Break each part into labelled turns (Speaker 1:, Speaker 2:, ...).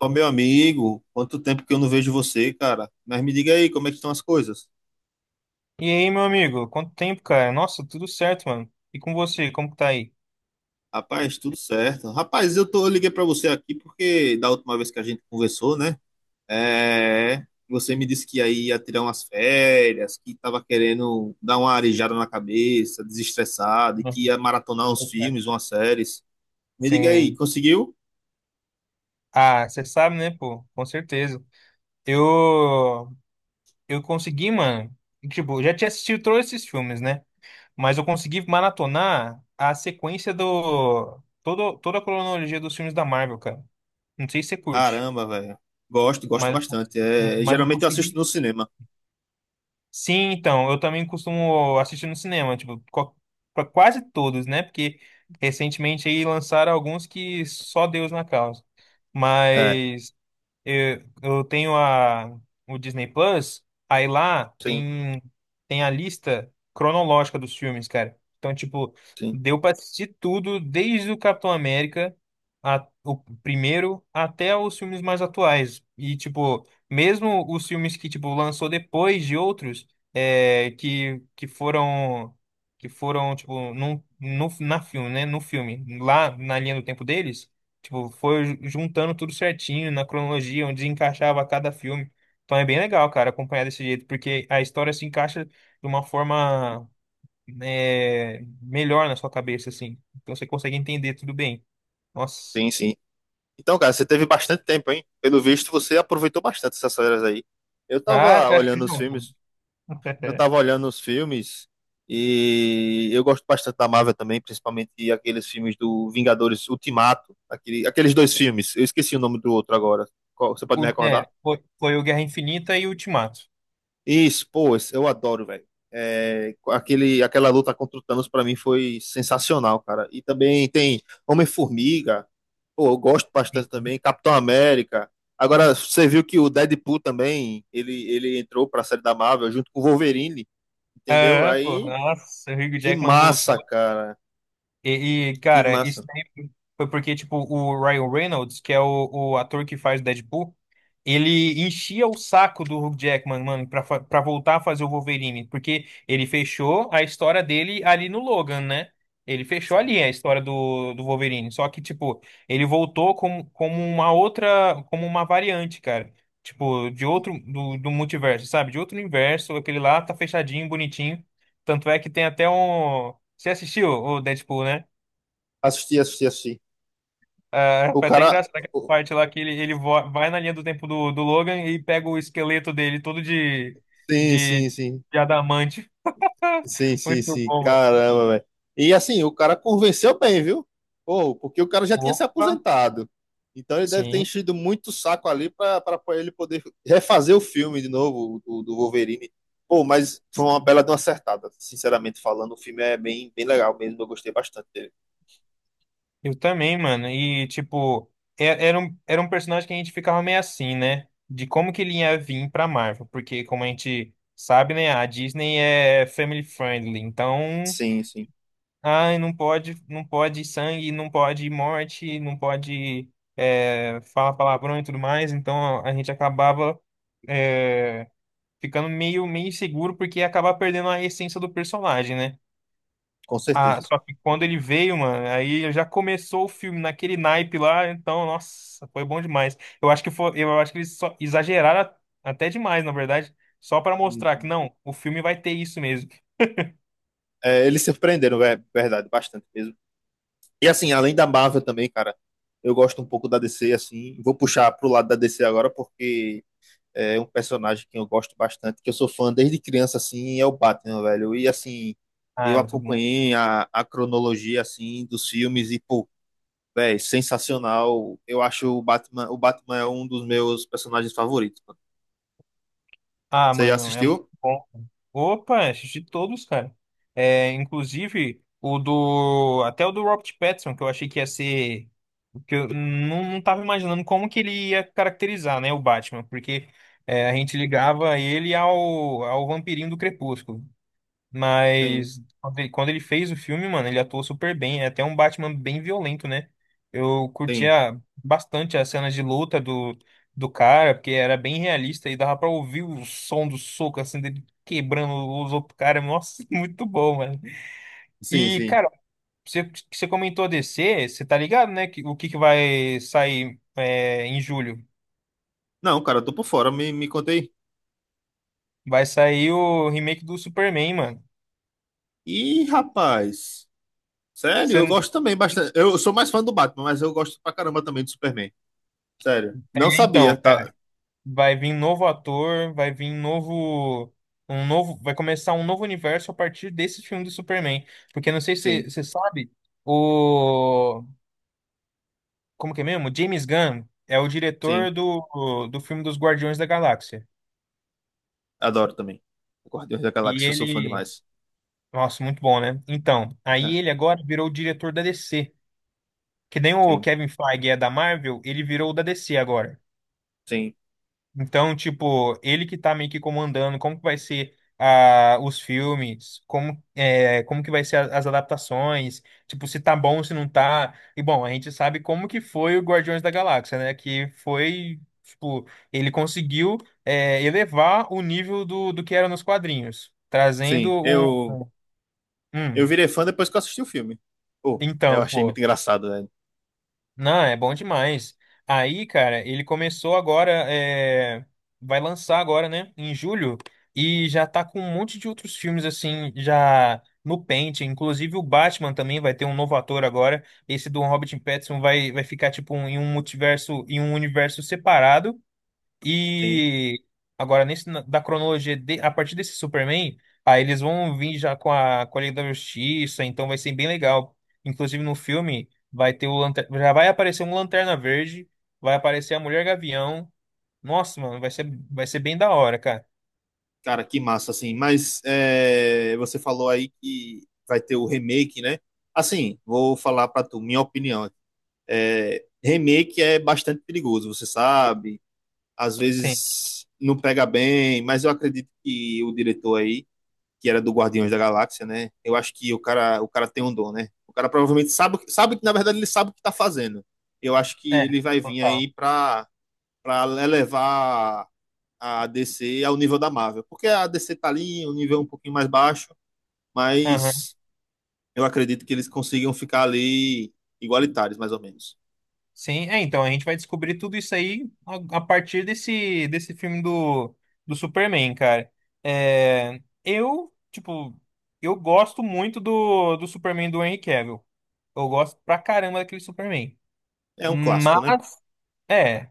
Speaker 1: Ó, meu amigo, quanto tempo que eu não vejo você, cara. Mas me diga aí, como é que estão as coisas?
Speaker 2: E aí, meu amigo? Quanto tempo, cara? Nossa, tudo certo, mano. E com você, como que tá aí?
Speaker 1: Rapaz, tudo certo. Rapaz, eu liguei pra você aqui porque da última vez que a gente conversou, né? Você me disse que aí ia tirar umas férias, que tava querendo dar uma arejada na cabeça, desestressado, e
Speaker 2: Bom.
Speaker 1: que ia maratonar uns filmes, umas séries. Me diga aí,
Speaker 2: Sim.
Speaker 1: conseguiu?
Speaker 2: Ah, você sabe, né, pô? Com certeza. Eu eu consegui, mano. Tipo, eu já tinha assistido todos esses filmes, né? Mas eu consegui maratonar a sequência do todo toda a cronologia dos filmes da Marvel, cara. Não sei se você curte,
Speaker 1: Caramba, velho. Gosto, gosto
Speaker 2: mas
Speaker 1: bastante. É,
Speaker 2: mas eu
Speaker 1: geralmente eu assisto
Speaker 2: consegui.
Speaker 1: no cinema.
Speaker 2: Sim, então, eu também costumo assistir no cinema, tipo, pra quase todos, né? Porque recentemente aí lançaram alguns que só Deus na causa.
Speaker 1: É,
Speaker 2: Mas eu tenho o Disney Plus, aí lá
Speaker 1: sim,
Speaker 2: tem a lista cronológica dos filmes, cara. Então, tipo,
Speaker 1: sim,
Speaker 2: deu pra assistir tudo, desde o Capitão América, o primeiro, até os filmes mais atuais. E, tipo, mesmo os filmes que, tipo, lançou depois de outros, é, que, que foram, que foram, tipo, num, no, na filme, né? No filme, lá na linha do tempo deles. Tipo, foi juntando tudo certinho na cronologia, onde encaixava cada filme. Então é bem legal, cara, acompanhar desse jeito, porque a história se encaixa de uma forma melhor na sua cabeça, assim. Então você consegue entender tudo bem. Nossa.
Speaker 1: tem sim. Então, cara, você teve bastante tempo, hein? Pelo visto, você aproveitou bastante essas férias aí. Eu
Speaker 2: Ah,
Speaker 1: tava
Speaker 2: você acha que
Speaker 1: olhando os
Speaker 2: não, pô?
Speaker 1: filmes, eu tava olhando os filmes e eu gosto bastante da Marvel também, principalmente aqueles filmes do Vingadores Ultimato, aquele, aqueles dois filmes. Eu esqueci o nome do outro agora. Qual- você pode
Speaker 2: O,
Speaker 1: me recordar?
Speaker 2: foi o Guerra Infinita e o Ultimato.
Speaker 1: Isso, pô, esse- eu adoro, velho. Aquele, aquela luta contra o Thanos pra mim foi sensacional, cara. E também tem Homem-Formiga, pô, eu gosto bastante
Speaker 2: Uhum.
Speaker 1: também, Capitão América. Agora, você viu que o Deadpool também, ele entrou pra série da Marvel junto com o Wolverine, entendeu?
Speaker 2: Ah, pô,
Speaker 1: Aí,
Speaker 2: nossa, o Hugh
Speaker 1: que
Speaker 2: Jackman voltou.
Speaker 1: massa, cara. Que
Speaker 2: Cara, isso
Speaker 1: massa.
Speaker 2: daí foi porque, tipo, o Ryan Reynolds, que é o ator que faz o Deadpool, ele enchia o saco do Hugh Jackman, mano, pra, pra voltar a fazer o Wolverine, porque ele fechou a história dele ali no Logan, né? Ele fechou ali a história do Wolverine, só que, tipo, ele voltou como, como uma outra, como uma variante, cara. Tipo, de outro, do multiverso, sabe? De outro universo, aquele lá tá fechadinho, bonitinho. Tanto é que tem até um. Você assistiu o Deadpool, né?
Speaker 1: Assisti, assisti, assisti.
Speaker 2: Ah,
Speaker 1: O
Speaker 2: foi até
Speaker 1: cara.
Speaker 2: engraçado aquela
Speaker 1: o-
Speaker 2: parte lá que ele vai na linha do tempo do Logan e pega o esqueleto dele todo
Speaker 1: Sim,
Speaker 2: de,
Speaker 1: sim, sim.
Speaker 2: de adamante.
Speaker 1: Sim, sim,
Speaker 2: Muito
Speaker 1: sim.
Speaker 2: bom, mano.
Speaker 1: Caramba, velho. E assim, o cara convenceu bem, viu? Pô, porque o cara já tinha se
Speaker 2: Opa,
Speaker 1: aposentado. Então ele deve ter
Speaker 2: sim.
Speaker 1: enchido muito o saco ali para ele poder refazer o filme de novo, do Wolverine. Pô, mas foi uma bela de uma acertada. Sinceramente falando, o filme é bem, bem legal mesmo. Eu gostei bastante dele.
Speaker 2: Eu também, mano. E, tipo, era um personagem que a gente ficava meio assim, né? De como que ele ia vir pra Marvel. Porque, como a gente sabe, né? A Disney é family friendly. Então,
Speaker 1: Sim, sim.
Speaker 2: ai, não pode, não pode sangue, não pode morte, não pode falar palavrão e tudo mais. Então a gente acabava é, ficando meio inseguro porque ia acabar perdendo a essência do personagem, né?
Speaker 1: Com
Speaker 2: Ah,
Speaker 1: certeza.
Speaker 2: só que
Speaker 1: Com
Speaker 2: quando
Speaker 1: certeza.
Speaker 2: ele veio, mano, aí já começou o filme naquele naipe lá, então, nossa, foi bom demais. Eu acho que eles só exageraram até demais, na verdade, só pra
Speaker 1: Sim,
Speaker 2: mostrar que
Speaker 1: sim.
Speaker 2: não, o filme vai ter isso mesmo.
Speaker 1: É, eles surpreenderam, é verdade, bastante mesmo. E assim, além da Marvel também, cara, eu gosto um pouco da DC, assim. Vou puxar pro lado da DC agora, porque é um personagem que eu gosto bastante, que eu sou fã desde criança, assim, é o Batman, velho. E assim,
Speaker 2: Ah,
Speaker 1: eu
Speaker 2: é muito bom.
Speaker 1: acompanhei a cronologia, assim, dos filmes e, pô, velho, sensacional. Eu acho o Batman é um dos meus personagens favoritos, mano.
Speaker 2: Ah,
Speaker 1: Você já
Speaker 2: mano, é muito
Speaker 1: assistiu?
Speaker 2: bom. Opa, assisti todos, cara. É, inclusive o do até o do Robert Pattinson, que eu não, não tava imaginando como que ele ia caracterizar, né, o Batman, porque a gente ligava ele ao vampirinho do Crepúsculo.
Speaker 1: Sim,
Speaker 2: Mas quando ele fez o filme, mano, ele atuou super bem. É até um Batman bem violento, né? Eu
Speaker 1: sim,
Speaker 2: curtia bastante as cenas de luta do cara, porque era bem realista e dava pra ouvir o som do soco, assim, dele quebrando os outros caras. Nossa, muito bom, mano.
Speaker 1: sim,
Speaker 2: E,
Speaker 1: sim.
Speaker 2: cara, você comentou DC, você tá ligado, né? O que, que vai sair em julho?
Speaker 1: Não, cara, eu tô por fora, me contei.
Speaker 2: Vai sair o remake do Superman, mano.
Speaker 1: Ih, rapaz, sério, eu
Speaker 2: Você,
Speaker 1: gosto também bastante. Eu sou mais fã do Batman, mas eu gosto pra caramba também do Superman. Sério, não sabia,
Speaker 2: então,
Speaker 1: tá?
Speaker 2: Vai vir novo ator, vai vir novo, um novo, vai começar um novo universo a partir desse filme do Superman. Porque não sei se
Speaker 1: Sim,
Speaker 2: você sabe, o, como que é mesmo? James Gunn é o
Speaker 1: sim.
Speaker 2: diretor do filme dos Guardiões da Galáxia.
Speaker 1: Adoro também. Guardiões da
Speaker 2: E
Speaker 1: Galáxia, eu sou fã
Speaker 2: ele,
Speaker 1: demais.
Speaker 2: nossa, muito bom, né? Então, aí
Speaker 1: É,
Speaker 2: ele agora virou o diretor da DC. Que nem o
Speaker 1: sim,
Speaker 2: Kevin Feige é da Marvel, ele virou o da DC agora.
Speaker 1: sim,
Speaker 2: Então, tipo, ele que tá meio que comandando, como que vai ser os filmes, como que vai ser as adaptações, tipo, se tá bom, se não tá. E bom, a gente sabe como que foi o Guardiões da Galáxia, né? Que foi, tipo, ele conseguiu elevar o nível do que era nos quadrinhos, trazendo
Speaker 1: sim.
Speaker 2: um.
Speaker 1: Eu
Speaker 2: Hum,
Speaker 1: virei fã depois que eu assisti o filme. Pô, eu
Speaker 2: então,
Speaker 1: achei muito
Speaker 2: pô,
Speaker 1: engraçado, né?
Speaker 2: não, é bom demais. Aí, cara, ele começou agora, vai lançar agora, né, em julho, e já tá com um monte de outros filmes, assim, já no pente. Inclusive o Batman também vai ter um novo ator agora. Esse do Robert Pattinson vai ficar, tipo, em um multiverso, em um universo separado.
Speaker 1: Sim.
Speaker 2: E agora, da cronologia, a partir desse Superman, aí eles vão vir já com com a Liga da Justiça, então vai ser bem legal. Inclusive no filme, vai ter o já vai aparecer um Lanterna Verde, vai aparecer a Mulher Gavião. Nossa, mano, vai ser bem da hora, cara.
Speaker 1: Cara, que massa, assim. Mas é, você falou aí que vai ter o remake, né? Assim, vou falar pra tu, minha opinião. É, remake é bastante perigoso, você sabe. Às
Speaker 2: Sim,
Speaker 1: vezes não pega bem, mas eu acredito que o diretor aí que era do Guardiões da Galáxia, né? Eu acho que o cara tem um dom, né? O cara provavelmente sabe, sabe que, na verdade, ele sabe o que tá fazendo. Eu acho que
Speaker 2: é,
Speaker 1: ele vai vir
Speaker 2: total.
Speaker 1: aí pra elevar a DC ao nível da Marvel. Porque a DC tá ali, um nível um pouquinho mais baixo, mas eu acredito que eles consigam ficar ali igualitários, mais ou menos.
Speaker 2: Sim, é, então a gente vai descobrir tudo isso aí a partir desse filme do Superman, cara. É, eu, tipo, eu gosto muito do Superman do Henry Cavill. Eu gosto pra caramba daquele Superman.
Speaker 1: É um clássico, né?
Speaker 2: Mas é,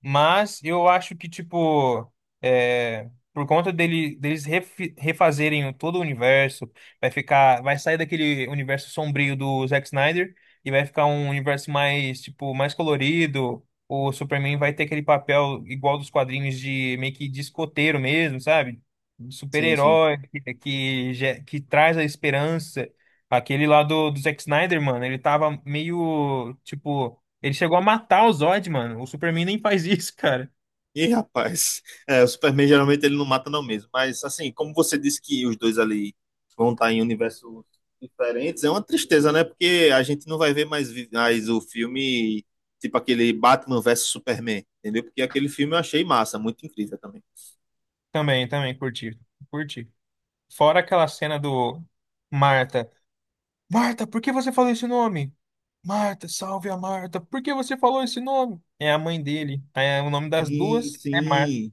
Speaker 2: mas eu acho que, tipo, é, por conta dele, deles refazerem todo o universo, vai sair daquele universo sombrio do Zack Snyder e vai ficar um universo mais, tipo, mais colorido. O Superman vai ter aquele papel igual dos quadrinhos de meio que de escoteiro mesmo, sabe? De
Speaker 1: Sim, sim.
Speaker 2: Super-herói que, que traz a esperança. Aquele lá do Zack Snyder, mano, ele tava meio, tipo, ele chegou a matar o Zod, mano. O Superman nem faz isso, cara.
Speaker 1: Ih, rapaz, é, o Superman geralmente ele não mata não mesmo, mas assim, como você disse que os dois ali vão estar em universos diferentes, é uma tristeza, né? Porque a gente não vai ver mais, vi- mais o filme, tipo aquele Batman versus Superman, entendeu? Porque aquele filme eu achei massa, muito incrível também.
Speaker 2: Também, também, curti. Curti. Fora aquela cena do Marta. Marta, por que você falou esse nome? Marta, salve a Marta. Por que você falou esse nome? É a mãe dele. É, o nome das
Speaker 1: Sim,
Speaker 2: duas é Marta.
Speaker 1: sim.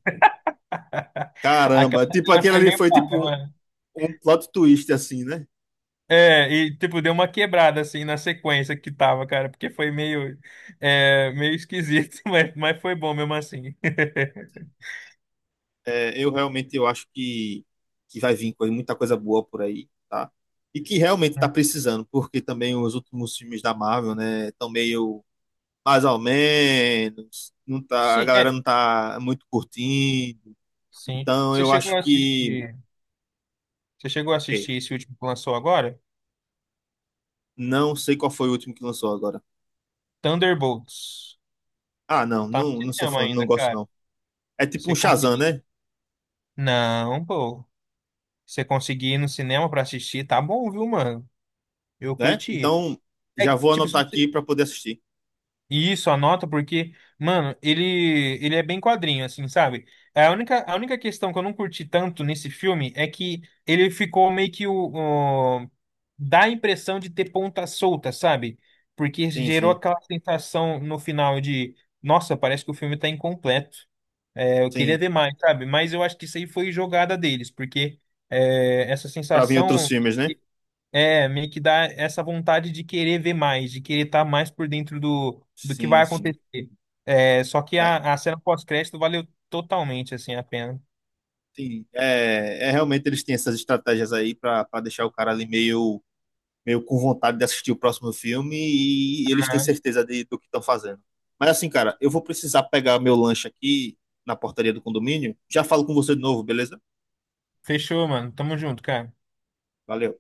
Speaker 1: Caramba,
Speaker 2: Aquela
Speaker 1: tipo
Speaker 2: cena
Speaker 1: aquele
Speaker 2: foi
Speaker 1: ali
Speaker 2: meio
Speaker 1: foi
Speaker 2: paia,
Speaker 1: tipo
Speaker 2: mano.
Speaker 1: um plot twist assim, né?
Speaker 2: É, e tipo, deu uma quebrada assim na sequência que tava, cara, porque foi meio, meio esquisito, mas foi bom mesmo assim.
Speaker 1: É, eu realmente eu acho que vai vir coisa- muita coisa boa por aí, tá? E que realmente está precisando, porque também os últimos filmes da Marvel, né, estão meio mais ou menos, não tá, a
Speaker 2: Sim,
Speaker 1: galera
Speaker 2: é,
Speaker 1: não tá muito curtindo.
Speaker 2: sim.
Speaker 1: Então eu acho que,
Speaker 2: Você chegou a
Speaker 1: ok,
Speaker 2: assistir esse último que lançou agora?
Speaker 1: não sei qual foi o último que lançou agora.
Speaker 2: Thunderbolts.
Speaker 1: Ah, não,
Speaker 2: Tá no
Speaker 1: não, não sou
Speaker 2: cinema
Speaker 1: fã, não
Speaker 2: ainda,
Speaker 1: gosto
Speaker 2: cara.
Speaker 1: não. É tipo um
Speaker 2: Você
Speaker 1: Shazam,
Speaker 2: conseguir.
Speaker 1: né?
Speaker 2: Não, pô. Você conseguir ir no cinema pra assistir, tá bom, viu, mano? Eu
Speaker 1: Né?
Speaker 2: curti.
Speaker 1: Então
Speaker 2: É
Speaker 1: já
Speaker 2: que,
Speaker 1: vou
Speaker 2: tipo, se
Speaker 1: anotar aqui
Speaker 2: você
Speaker 1: para poder assistir.
Speaker 2: Isso, anota, porque, mano, ele é bem quadrinho, assim, sabe? É, a única questão que eu não curti tanto nesse filme é que ele ficou meio que dá a impressão de ter ponta solta, sabe? Porque
Speaker 1: Sim,
Speaker 2: gerou
Speaker 1: sim,
Speaker 2: aquela sensação no final de, nossa, parece que o filme tá incompleto. É, eu queria
Speaker 1: sim.
Speaker 2: ver mais, sabe? Mas eu acho que isso aí foi jogada deles, porque é, essa
Speaker 1: Para vir outros
Speaker 2: sensação.
Speaker 1: filmes, né?
Speaker 2: É, meio que dá essa vontade de querer ver mais, de querer estar mais por dentro do que vai
Speaker 1: Sim, sim.
Speaker 2: acontecer. É, só que
Speaker 1: É,
Speaker 2: a cena pós-crédito valeu totalmente, assim, a pena.
Speaker 1: sim, é, é realmente eles têm essas estratégias aí para deixar o cara ali meio, meio com vontade de assistir o próximo filme e, eles têm
Speaker 2: Ah,
Speaker 1: certeza de, do que estão fazendo. Mas assim, cara, eu vou precisar pegar meu lanche aqui na portaria do condomínio. Já falo com você de novo, beleza?
Speaker 2: fechou, mano. Tamo junto, cara.
Speaker 1: Valeu.